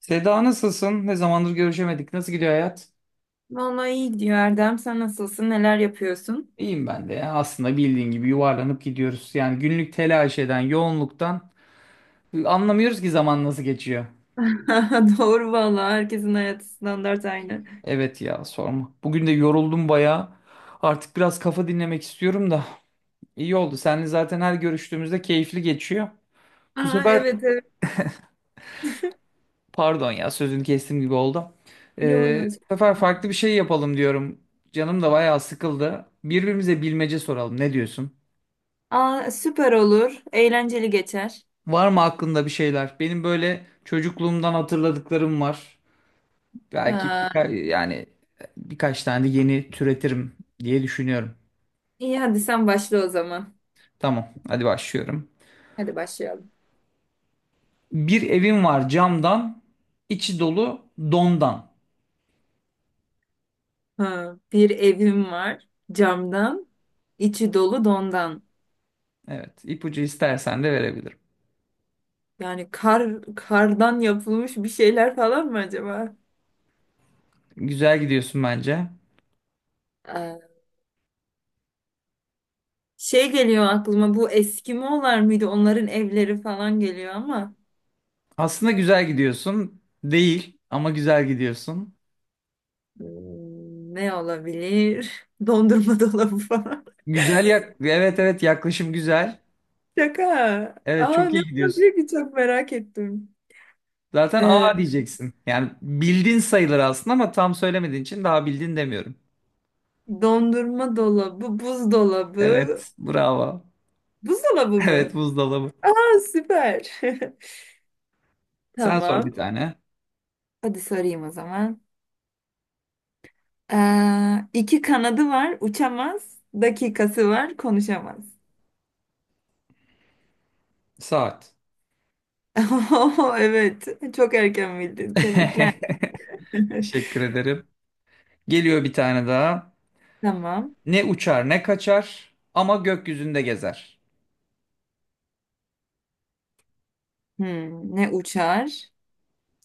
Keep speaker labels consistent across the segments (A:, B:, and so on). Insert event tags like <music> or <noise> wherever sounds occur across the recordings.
A: Seda, nasılsın? Ne zamandır görüşemedik. Nasıl gidiyor hayat?
B: Vallahi iyi gidiyor Erdem. Sen nasılsın? Neler yapıyorsun?
A: İyiyim ben de. Ya, aslında bildiğin gibi yuvarlanıp gidiyoruz. Yani günlük telaş eden, yoğunluktan anlamıyoruz ki zaman nasıl geçiyor.
B: <laughs> Doğru vallahi. Herkesin hayatı standart aynı.
A: Evet ya, sorma. Bugün de yoruldum bayağı. Artık biraz kafa dinlemek istiyorum da. İyi oldu. Seninle zaten her görüştüğümüzde keyifli geçiyor. Bu
B: Aa,
A: sefer
B: evet evet. <laughs>
A: pardon ya, sözünü kestim gibi oldu.
B: Yo yo, hiç.
A: Bu sefer farklı bir şey yapalım diyorum. Canım da bayağı sıkıldı. Birbirimize bilmece soralım. Ne diyorsun?
B: Aa, süper olur. Eğlenceli geçer.
A: Var mı aklında bir şeyler? Benim böyle çocukluğumdan hatırladıklarım var. Belki
B: Aa,
A: birka- yani birkaç tane de yeni türetirim diye düşünüyorum.
B: iyi, hadi sen başla o zaman.
A: Tamam, hadi başlıyorum.
B: Hadi başlayalım.
A: Bir evim var camdan, içi dolu dondan.
B: Ha, bir evim var camdan, içi dolu dondan.
A: Evet, ipucu istersen de verebilirim.
B: Yani kar, kardan yapılmış bir şeyler falan mı acaba?
A: Güzel gidiyorsun bence.
B: Aa, şey geliyor aklıma, bu Eskimo'lar mıydı? Onların evleri falan geliyor ama.
A: Aslında güzel gidiyorsun değil ama güzel gidiyorsun.
B: Hmm, ne olabilir? <laughs> Dondurma dolabı falan.
A: Güzel yak, evet evet, yaklaşım güzel.
B: <laughs> Şaka.
A: Evet,
B: Aa,
A: çok
B: ne
A: iyi gidiyorsun.
B: olabilir ki, çok merak ettim.
A: Zaten
B: Ee,
A: A diyeceksin. Yani bildin sayılır aslında ama tam söylemediğin için daha bildin demiyorum.
B: Dondurma dolabı, buzdolabı.
A: Evet, bravo.
B: Buzdolabı
A: Evet,
B: mı?
A: buzdolabı.
B: Aa, süper. <laughs>
A: Sen sor bir
B: Tamam.
A: tane.
B: Hadi sorayım o zaman. İki kanadı var, uçamaz. Dakikası var, konuşamaz.
A: Saat.
B: <laughs> Oo, evet, çok erken bildin. Tebrikler.
A: <laughs>
B: <laughs>
A: Teşekkür ederim. Geliyor bir tane daha.
B: Tamam.
A: Ne uçar ne kaçar ama gökyüzünde gezer.
B: Hmm, ne uçar,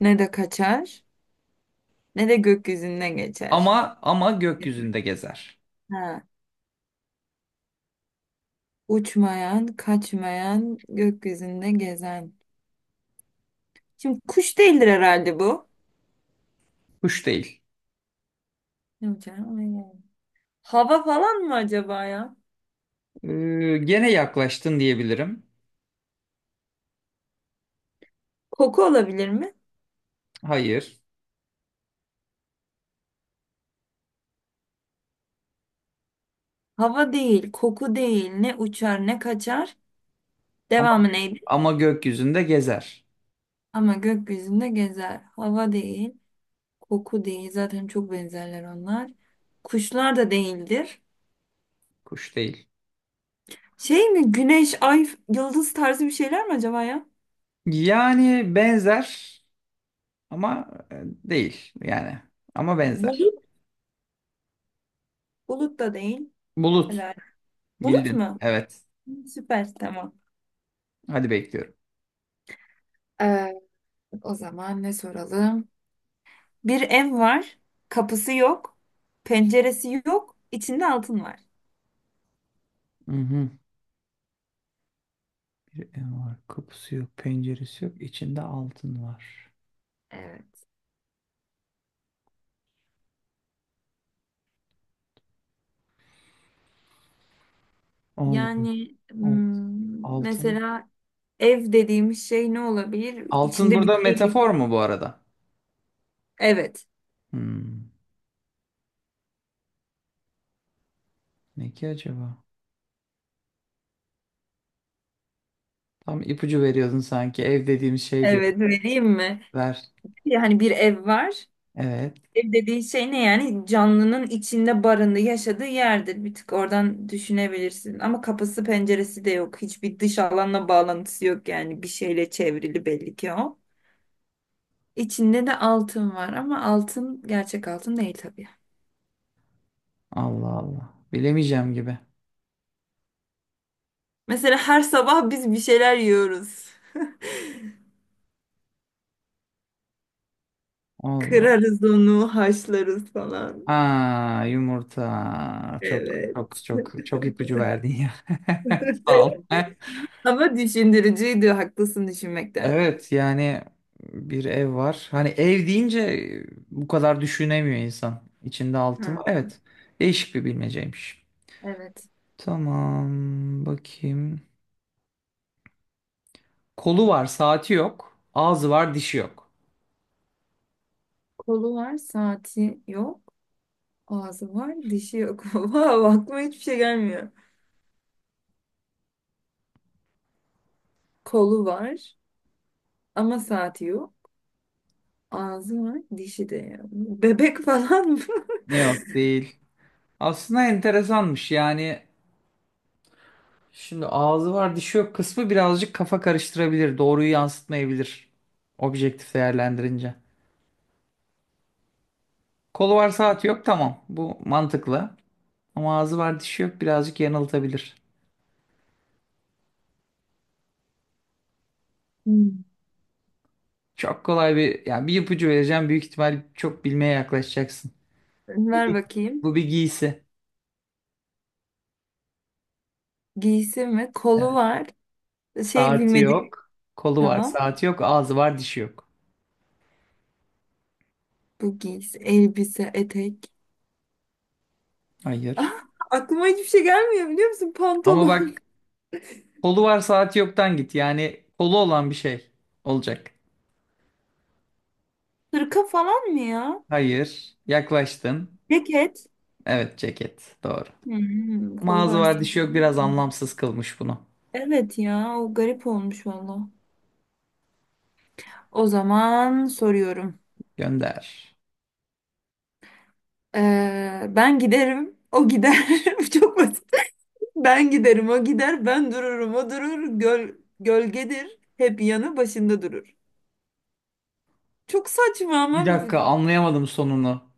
B: ne de kaçar, ne de gökyüzünde geçer.
A: Ama gökyüzünde gezer.
B: Ha, uçmayan, kaçmayan, gökyüzünde gezen. Şimdi kuş değildir herhalde bu.
A: Kuş değil.
B: Ne uçar? Ona gel. Hava falan mı acaba ya?
A: Ee, Gene yaklaştın diyebilirim.
B: Koku olabilir mi?
A: Hayır.
B: Hava değil, koku değil. Ne uçar, ne kaçar.
A: Ama
B: Devamı neydi?
A: ama gökyüzünde gezer.
B: Ama gökyüzünde gezer. Hava değil, koku değil. Zaten çok benzerler onlar. Kuşlar da değildir.
A: Kuş değil.
B: Şey mi? Güneş, ay, yıldız tarzı bir şeyler mi acaba ya?
A: Yani benzer. Ama değil yani. Ama benzer.
B: Bulut, bulut da değil.
A: Bulut.
B: Bulut
A: Bildin.
B: mu?
A: Evet.
B: Süper, tamam.
A: Hadi bekliyorum.
B: Ee, O zaman ne soralım? Bir ev var. Kapısı yok. Penceresi yok. İçinde altın var.
A: Hı hı. Bir ev var. Kapısı yok. Penceresi yok. İçinde altın var.
B: Evet.
A: Allah'ım.
B: Yani
A: Altın. Altın.
B: mesela ev dediğimiz şey ne olabilir?
A: Altın
B: İçinde
A: burada
B: bir şey.
A: metafor mu bu arada?
B: Evet.
A: Hmm. Ne ki acaba? Tam ipucu veriyordun sanki. Ev dediğim şey diyor.
B: Evet, vereyim mi?
A: Ver.
B: Yani bir ev var.
A: Evet.
B: Ev dediğin şey ne yani? Canlının içinde barındığı, yaşadığı yerdir. Bir tık oradan düşünebilirsin. Ama kapısı penceresi de yok. Hiçbir dış alanla bağlantısı yok yani. Bir şeyle çevrili belli ki o. İçinde de altın var ama altın gerçek altın değil tabii.
A: Allah Allah. Bilemeyeceğim gibi.
B: Mesela her sabah biz bir şeyler yiyoruz.
A: Allah.
B: Kırarız onu, haşlarız falan.
A: Aa, yumurta. Çok
B: Evet.
A: çok çok çok ipucu verdin ya. <laughs> Sağ ol.
B: <laughs> Ama düşündürücüydü, haklısın düşünmekte.
A: Evet yani, bir ev var. Hani ev deyince bu kadar düşünemiyor insan. İçinde altın var.
B: Hı,
A: Evet. Değişik bir bilmeceymiş.
B: evet.
A: Tamam, bakayım. Kolu var, saati yok. Ağzı var, dişi yok.
B: Kolu var, saati yok. Ağzı var, dişi yok. <laughs> Wow, aklıma hiçbir şey gelmiyor. Kolu var ama saati yok. Ağzı var, dişi de yok. Bebek falan mı? <laughs>
A: Yok değil. Aslında enteresanmış yani. Şimdi ağzı var dişi yok kısmı birazcık kafa karıştırabilir. Doğruyu yansıtmayabilir. Objektif değerlendirince. Kolu var saati yok, tamam. Bu mantıklı. Ama ağzı var dişi yok birazcık yanıltabilir.
B: Hmm.
A: Çok kolay bir ipucu vereceğim. Büyük ihtimal çok bilmeye yaklaşacaksın. Bu
B: Ver
A: bir,
B: bakayım.
A: bu bir giysi.
B: Giysi mi? Kolu
A: Evet.
B: var. Şey,
A: Saati
B: bilmedik.
A: yok. Kolu var
B: Tamam.
A: saati yok. Ağzı var dişi yok.
B: Bu giysi, elbise, etek. <laughs> Ah,
A: Hayır.
B: aklıma hiçbir şey gelmiyor biliyor musun?
A: Ama
B: Pantolon.
A: bak, kolu var saati yoktan git. Yani kolu olan bir şey olacak.
B: <laughs> Hırka falan mı ya?
A: Hayır. Yaklaştın.
B: Ceket.
A: Evet, ceket. Doğru.
B: Hmm,
A: Ama
B: kolu
A: ağzı
B: var
A: var dişi yok
B: sanki.
A: biraz anlamsız kılmış bunu.
B: Evet ya, o garip olmuş valla. O zaman soruyorum.
A: Gönder.
B: Ben giderim, o gider. <laughs> Bu çok basit. Ben giderim, o gider. Ben dururum, o durur. Gölgedir. Hep yanı başında durur. Çok saçma
A: Bir
B: ama
A: dakika, anlayamadım sonunu.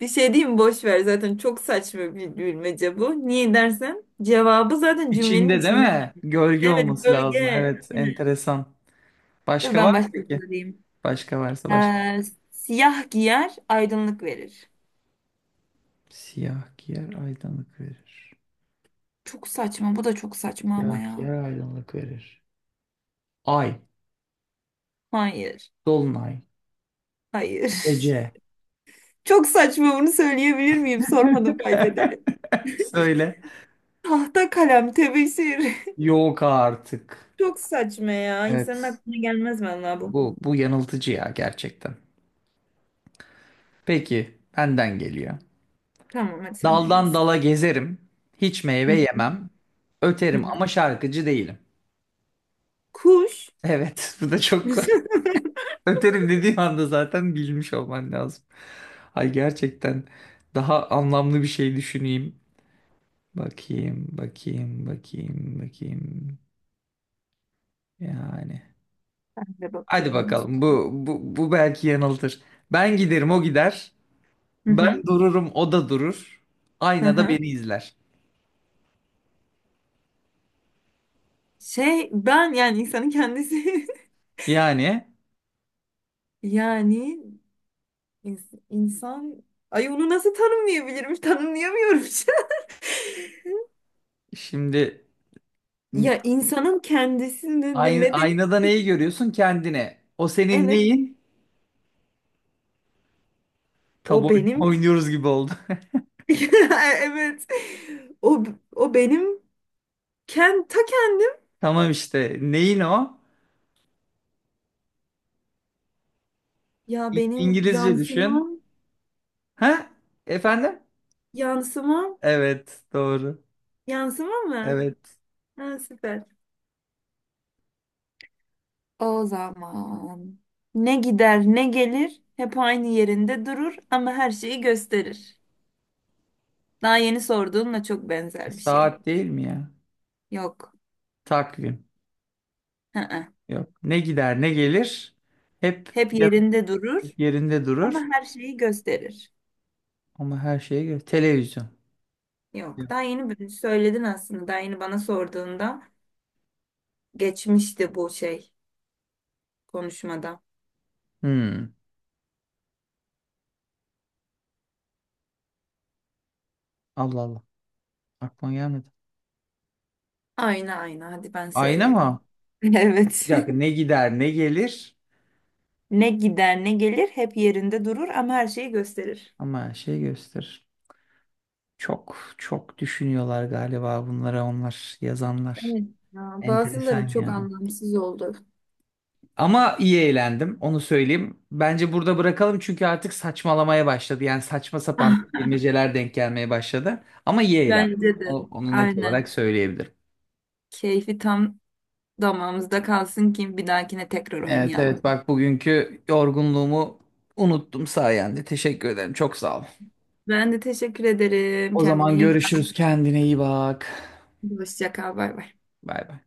B: bir şey diyeyim mi? Boş ver. Zaten çok saçma bir bilmece bu. Niye dersen cevabı zaten cümlenin
A: İçinde değil
B: içinde.
A: mi? Gölge
B: Evet,
A: olması lazım.
B: gölge.
A: Evet,
B: Aynen.
A: enteresan.
B: Dur
A: Başka var
B: ben
A: mı
B: başka
A: peki?
B: sorayım.
A: Başka varsa başka.
B: Ee, Siyah giyer, aydınlık verir.
A: Siyah giyer aydınlık verir.
B: Çok saçma. Bu da çok saçma ama
A: Siyah
B: ya.
A: giyer aydınlık verir. Ay.
B: Hayır.
A: Dolunay.
B: Hayır. <laughs>
A: Gece.
B: Çok saçma, bunu söyleyebilir miyim? Sormadım fark ederek.
A: <laughs> Söyle.
B: Tahta, kalem, tebeşir. <laughs>
A: Yok artık.
B: Çok saçma ya. İnsanın
A: Evet.
B: aklına gelmez vallahi bu.
A: Bu yanıltıcı ya gerçekten. Peki, benden geliyor.
B: Tamam, hadi sen de
A: Daldan
B: gelsin.
A: dala gezerim. Hiç meyve
B: Hı
A: yemem.
B: hı
A: Öterim
B: hı.
A: ama şarkıcı değilim.
B: Kuş.
A: Evet, <laughs> bu da çok
B: <laughs>
A: <laughs> öterim dediğim anda zaten bilmiş olman lazım. Ay, gerçekten daha anlamlı bir şey düşüneyim. Bakayım, bakayım, bakayım, bakayım. Yani.
B: Ben de
A: Hadi
B: bakıyorum.
A: bakalım, bu belki yanıltır. Ben giderim o gider.
B: Hı
A: Ben
B: hı.
A: dururum o da durur.
B: Hı
A: Aynada
B: hı.
A: beni izler.
B: Şey, ben yani insanın kendisi. <laughs>
A: Yani
B: Yani insan, ay onu nasıl tanımlayabilirim? Tanımlayamıyorum. <laughs>
A: şimdi
B: Ya insanın kendisini
A: Ayn-
B: ne denir?
A: aynada neyi görüyorsun? Kendine. O senin
B: Evet,
A: neyin? Tab
B: o
A: oyunu <laughs>
B: benim.
A: oynuyoruz gibi oldu.
B: <laughs> Evet. O o benim ta kendim.
A: <laughs> Tamam işte. Neyin o?
B: Ya benim
A: İngilizce düşün. Ha? Efendim?
B: yansımam,
A: Evet, doğru.
B: yansımam mı?
A: Evet.
B: Ha, süper. O zaman ne gider ne gelir, hep aynı yerinde durur ama her şeyi gösterir. Daha yeni sorduğunla çok benzer bir şey.
A: Saat değil mi ya?
B: Yok.
A: Takvim.
B: Hı hı.
A: Yok. Ne gider, ne gelir? Hep
B: Hep
A: ya-
B: yerinde durur
A: yerinde
B: ama
A: durur.
B: her şeyi gösterir.
A: Ama her şeye göre. Televizyon.
B: Yok. Daha
A: Yok.
B: yeni söyledin aslında. Daha yeni bana sorduğunda geçmişti bu şey konuşmada.
A: Hmm. Allah Allah. Aklıma gelmedi.
B: Ayna, ayna, hadi ben
A: Ayna
B: söyleyeyim.
A: mı?
B: <laughs>
A: Bir
B: Evet.
A: dakika. Ne
B: <laughs>
A: gider, ne gelir?
B: Ne gider ne gelir, hep yerinde durur ama her şeyi gösterir.
A: Ama her şeyi gösterir. Çok çok düşünüyorlar galiba bunlara, onlar yazanlar.
B: Evet ya,
A: Enteresan
B: bazıları çok
A: yani.
B: anlamsız oldu.
A: Ama iyi eğlendim, onu söyleyeyim. Bence burada bırakalım çünkü artık saçmalamaya başladı. Yani saçma sapan
B: <laughs>
A: bilmeceler denk gelmeye başladı. Ama iyi eğlendim.
B: Bence de.
A: Onu net
B: Aynen.
A: olarak söyleyebilirim.
B: Keyfi tam damağımızda kalsın ki bir dahakine tekrar
A: Evet evet,
B: oynayalım.
A: bak, bugünkü yorgunluğumu unuttum sayende. Teşekkür ederim, çok sağ ol.
B: Ben de teşekkür ederim.
A: O
B: Kendine
A: zaman
B: iyi bak.
A: görüşürüz, kendine iyi bak.
B: Hoşça kal. Bay bay.
A: Bay bay.